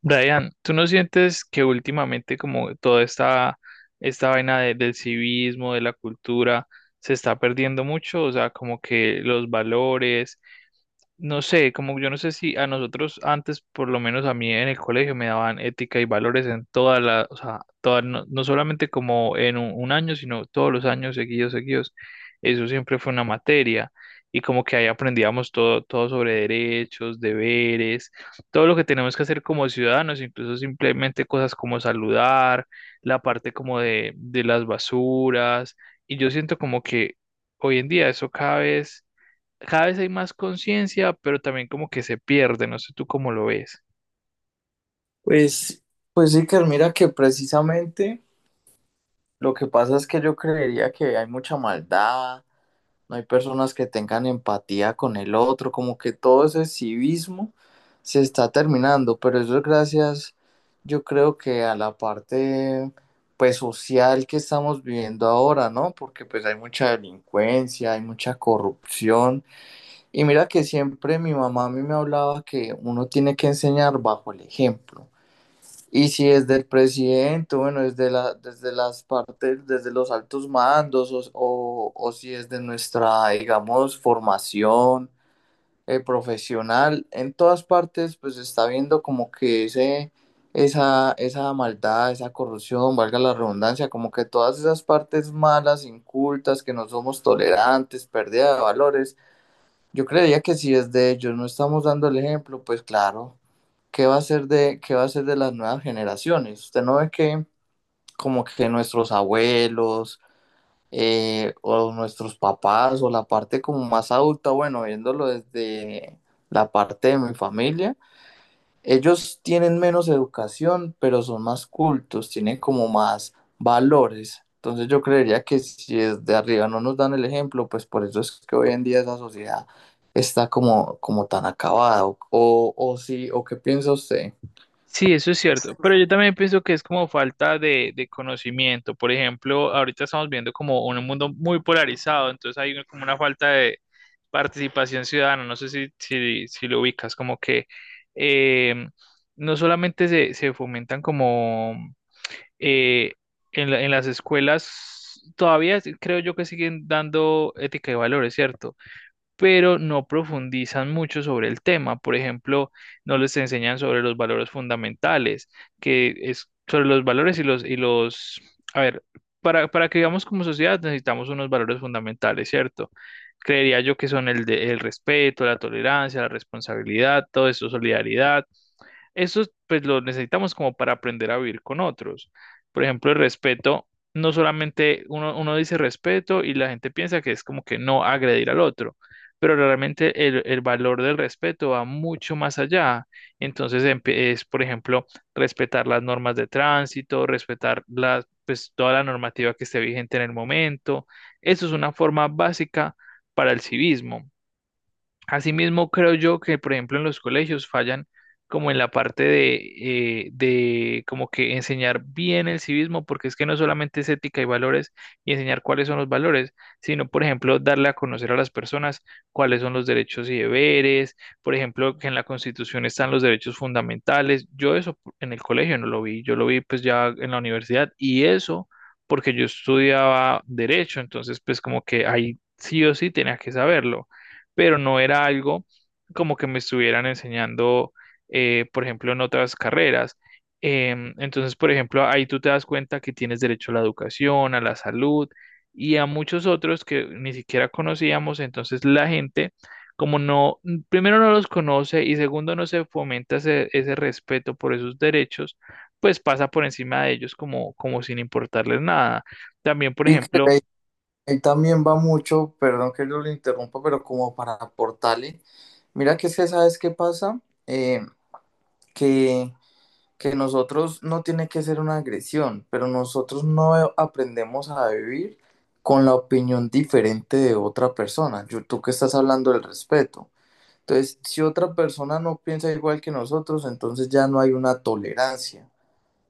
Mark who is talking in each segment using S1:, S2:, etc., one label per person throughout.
S1: Brian, ¿tú no sientes que últimamente como toda esta vaina de- del civismo, de la cultura, se está perdiendo mucho? O sea, como que los valores, no sé, como yo no sé si a nosotros antes, por lo menos a mí en el colegio, me daban ética y valores en toda la, o sea, toda, no, no solamente como en un año, sino todos los años seguidos, seguidos. Eso siempre fue una materia y como que ahí aprendíamos todo, todo sobre derechos, deberes, todo lo que tenemos que hacer como ciudadanos, incluso simplemente cosas como saludar, la parte como de las basuras. Y yo siento como que hoy en día eso cada vez hay más conciencia, pero también como que se pierde, no sé tú cómo lo ves.
S2: Pues, pues sí, que mira que precisamente lo que pasa es que yo creería que hay mucha maldad, no hay personas que tengan empatía con el otro, como que todo ese civismo se está terminando, pero eso es gracias, yo creo que a la parte pues social que estamos viviendo ahora, ¿no? Porque pues hay mucha delincuencia, hay mucha corrupción, y mira que siempre mi mamá a mí me hablaba que uno tiene que enseñar bajo el ejemplo. Y si es del presidente, bueno, desde la, desde las partes, desde los altos mandos, o si es de nuestra, digamos, formación profesional, en todas partes, pues se está viendo como que esa maldad, esa corrupción, valga la redundancia, como que todas esas partes malas, incultas, que no somos tolerantes, pérdida de valores. Yo creería que si es de ellos, no estamos dando el ejemplo, pues claro, ¿qué va a ser de las nuevas generaciones? Usted no ve que como que nuestros abuelos, o nuestros papás o la parte como más adulta, bueno, viéndolo desde la parte de mi familia, ellos tienen menos educación, pero son más cultos, tienen como más valores. Entonces yo creería que si desde arriba no nos dan el ejemplo, pues por eso es que hoy en día esa sociedad está como tan acabada. O sí, o qué piensa usted.
S1: Sí, eso es cierto, pero yo también pienso que es como falta de conocimiento. Por ejemplo, ahorita estamos viendo como un mundo muy polarizado, entonces hay como una falta de participación ciudadana, no sé si lo ubicas, como que eh, no solamente se fomentan como eh, en la- en las escuelas, todavía creo yo que siguen dando ética y valores, ¿cierto? Pero no profundizan mucho sobre el tema. Por ejemplo, no les enseñan sobre los valores fundamentales, que es sobre los valores y los, a ver, para que vivamos como sociedad necesitamos unos valores fundamentales, ¿cierto? Creería yo que son el de el respeto, la tolerancia, la responsabilidad, todo eso, solidaridad, eso pues lo necesitamos como para aprender a vivir con otros. Por ejemplo, el respeto, no solamente uno dice respeto y la gente piensa que es como que no agredir al otro, pero realmente el valor del respeto va mucho más allá. Entonces es, por ejemplo, respetar las normas de tránsito, respetar las, pues, toda la normativa que esté vigente en el momento. Eso es una forma básica para el civismo. Asimismo, creo yo que, por ejemplo, en los colegios fallan como en la parte de como que enseñar bien el civismo, porque es que no solamente es ética y valores y enseñar cuáles son los valores, sino, por ejemplo, darle a conocer a las personas cuáles son los derechos y deberes, por ejemplo, que en la Constitución están los derechos fundamentales. Yo eso en el colegio no lo vi, yo lo vi pues ya en la universidad y eso porque yo estudiaba derecho, entonces pues como que ahí sí o sí tenía que saberlo, pero no era algo como que me estuvieran enseñando, por ejemplo, en otras carreras. Entonces, por ejemplo, ahí tú te das cuenta que tienes derecho a la educación, a la salud y a muchos otros que ni siquiera conocíamos. Entonces, la gente, como no, primero no los conoce y segundo no se fomenta ese respeto por esos derechos, pues pasa por encima de ellos como, como sin importarles nada. También, por
S2: Y que
S1: ejemplo,
S2: ahí, ahí también va mucho, perdón que yo le interrumpa, pero como para aportarle. Mira que es que, ¿sabes qué pasa? Eh, que que nosotros, no tiene que ser una agresión, pero nosotros no aprendemos a vivir con la opinión diferente de otra persona. Yo, tú que estás hablando del respeto. Entonces, si otra persona no piensa igual que nosotros, entonces ya no hay una tolerancia.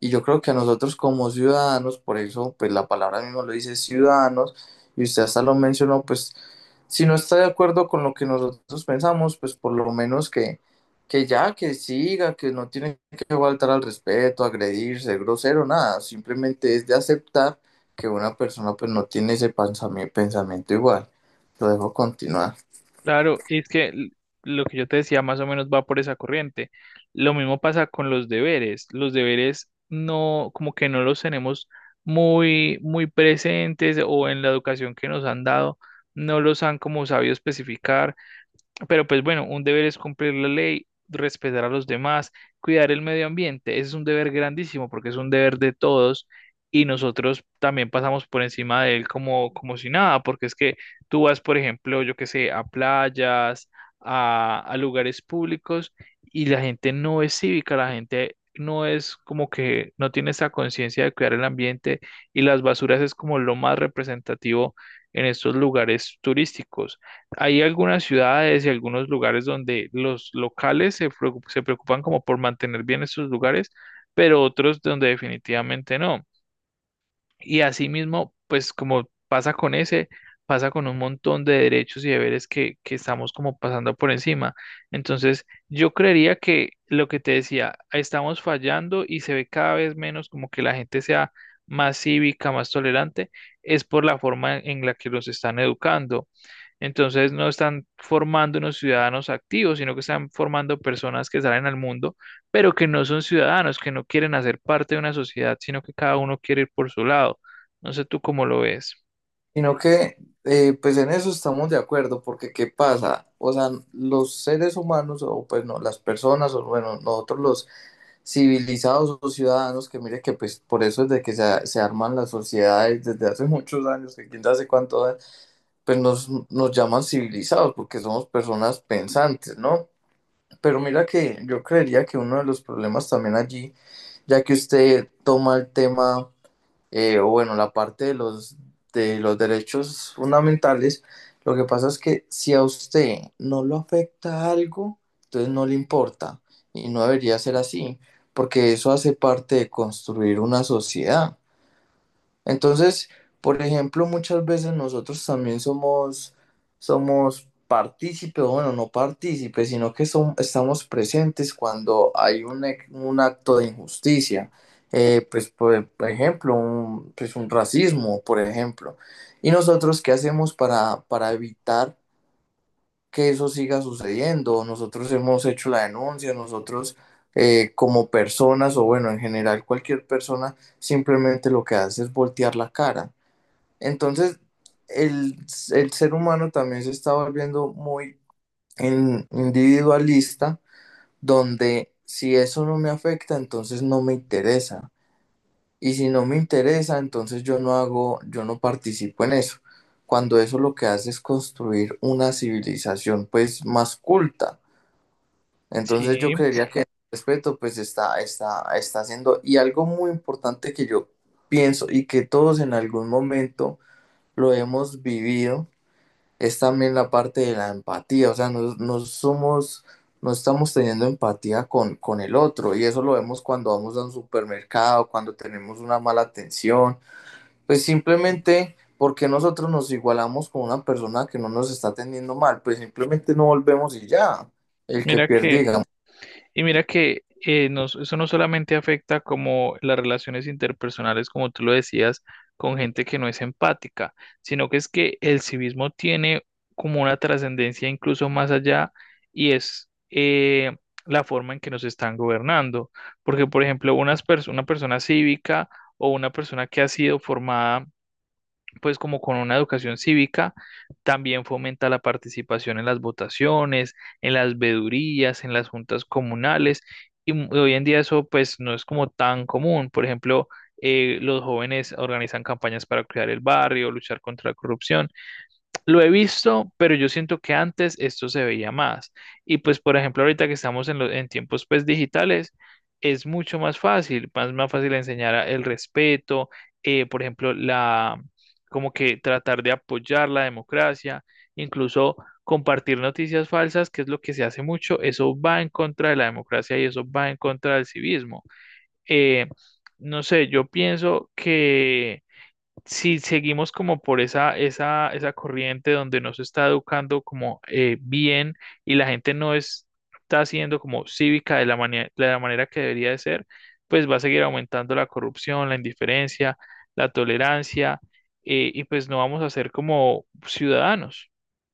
S2: Y yo creo que a nosotros como ciudadanos, por eso pues la palabra mismo lo dice, ciudadanos, y usted hasta lo mencionó, pues si no está de acuerdo con lo que nosotros pensamos, pues por lo menos que ya, que siga, que no tiene que faltar al respeto, agredir, ser grosero, nada, simplemente es de aceptar que una persona pues no tiene ese pensamiento igual. Lo dejo continuar.
S1: claro, y es que lo que yo te decía más o menos va por esa corriente. Lo mismo pasa con los deberes. Los deberes no, como que no los tenemos muy presentes o en la educación que nos han dado, no los han como sabido especificar, pero pues bueno, un deber es cumplir la ley, respetar a los demás, cuidar el medio ambiente. Ese es un deber grandísimo porque es un deber de todos y nosotros también pasamos por encima de él como, como si nada, porque es que tú vas, por ejemplo, yo qué sé, a playas, a lugares públicos y la gente no es cívica, la gente no es como que no tiene esa conciencia de cuidar el ambiente y las basuras es como lo más representativo en estos lugares turísticos. Hay algunas ciudades y algunos lugares donde los locales se preocupan como por mantener bien estos lugares, pero otros donde definitivamente no. Y asimismo, pues como pasa con ese, pasa con un montón de derechos y deberes que estamos como pasando por encima. Entonces, yo creería que lo que te decía, estamos fallando y se ve cada vez menos como que la gente sea más cívica, más tolerante, es por la forma en la que los están educando, entonces no están formando unos ciudadanos activos, sino que están formando personas que salen al mundo, pero que no son ciudadanos, que no quieren hacer parte de una sociedad, sino que cada uno quiere ir por su lado. No sé tú cómo lo ves.
S2: Sino que, pues en eso estamos de acuerdo, porque ¿qué pasa? O sea, los seres humanos, o pues no, las personas, o bueno, nosotros los civilizados o ciudadanos, que mire que pues por eso es de que se arman las sociedades desde hace muchos años, que quién sabe cuánto, pues nos llaman civilizados, porque somos personas pensantes, ¿no? Pero mira que yo creería que uno de los problemas también allí, ya que usted toma el tema, o bueno, la parte de los derechos fundamentales, lo que pasa es que si a usted no lo afecta algo, entonces no le importa y no debería ser así, porque eso hace parte de construir una sociedad. Entonces, por ejemplo, muchas veces nosotros también somos, somos partícipes, o bueno, no partícipes, sino que estamos presentes cuando hay un acto de injusticia. Por ejemplo, pues un racismo, por ejemplo. ¿Y nosotros qué hacemos para evitar que eso siga sucediendo? Nosotros hemos hecho la denuncia, nosotros, como personas, o bueno, en general cualquier persona, simplemente lo que hace es voltear la cara. Entonces, el, el ser humano también se está volviendo muy individualista, donde si eso no me afecta, entonces no me interesa. Y si no me interesa, entonces yo no hago, yo no participo en eso. Cuando eso lo que hace es construir una civilización pues más culta. Entonces yo
S1: Sí,
S2: creería que el respeto pues está haciendo. Y algo muy importante que yo pienso y que todos en algún momento lo hemos vivido es también la parte de la empatía, o sea, no somos, no estamos teniendo empatía con el otro y eso lo vemos cuando vamos a un supermercado, cuando tenemos una mala atención, pues simplemente porque nosotros nos igualamos con una persona que no nos está atendiendo mal, pues simplemente no volvemos y ya, el que
S1: mira
S2: pierde,
S1: que
S2: y
S1: y mira que eso no solamente afecta como las relaciones interpersonales, como tú lo decías, con gente que no es empática, sino que es que el civismo tiene como una trascendencia incluso más allá y es la forma en que nos están gobernando. Porque, por ejemplo, una persona cívica o una persona que ha sido formada pues como con una educación cívica, también fomenta la participación en las votaciones, en las vedurías, en las juntas comunales, y hoy en día eso pues no es como tan común. Por ejemplo, los jóvenes organizan campañas para cuidar el barrio, luchar contra la corrupción. Lo he visto, pero yo siento que antes esto se veía más. Y pues, por ejemplo, ahorita que estamos en, en tiempos pues digitales, es mucho más fácil, más fácil enseñar el respeto, por ejemplo, la, como que tratar de apoyar la democracia, incluso compartir noticias falsas, que es lo que se hace mucho, eso va en contra de la democracia y eso va en contra del civismo. Eh, no sé, yo pienso que si seguimos como por esa corriente donde no se está educando como bien y la gente no es- está siendo como cívica de la de la manera que debería de ser, pues va a seguir aumentando la corrupción, la indiferencia, la tolerancia, y pues no vamos a ser como ciudadanos.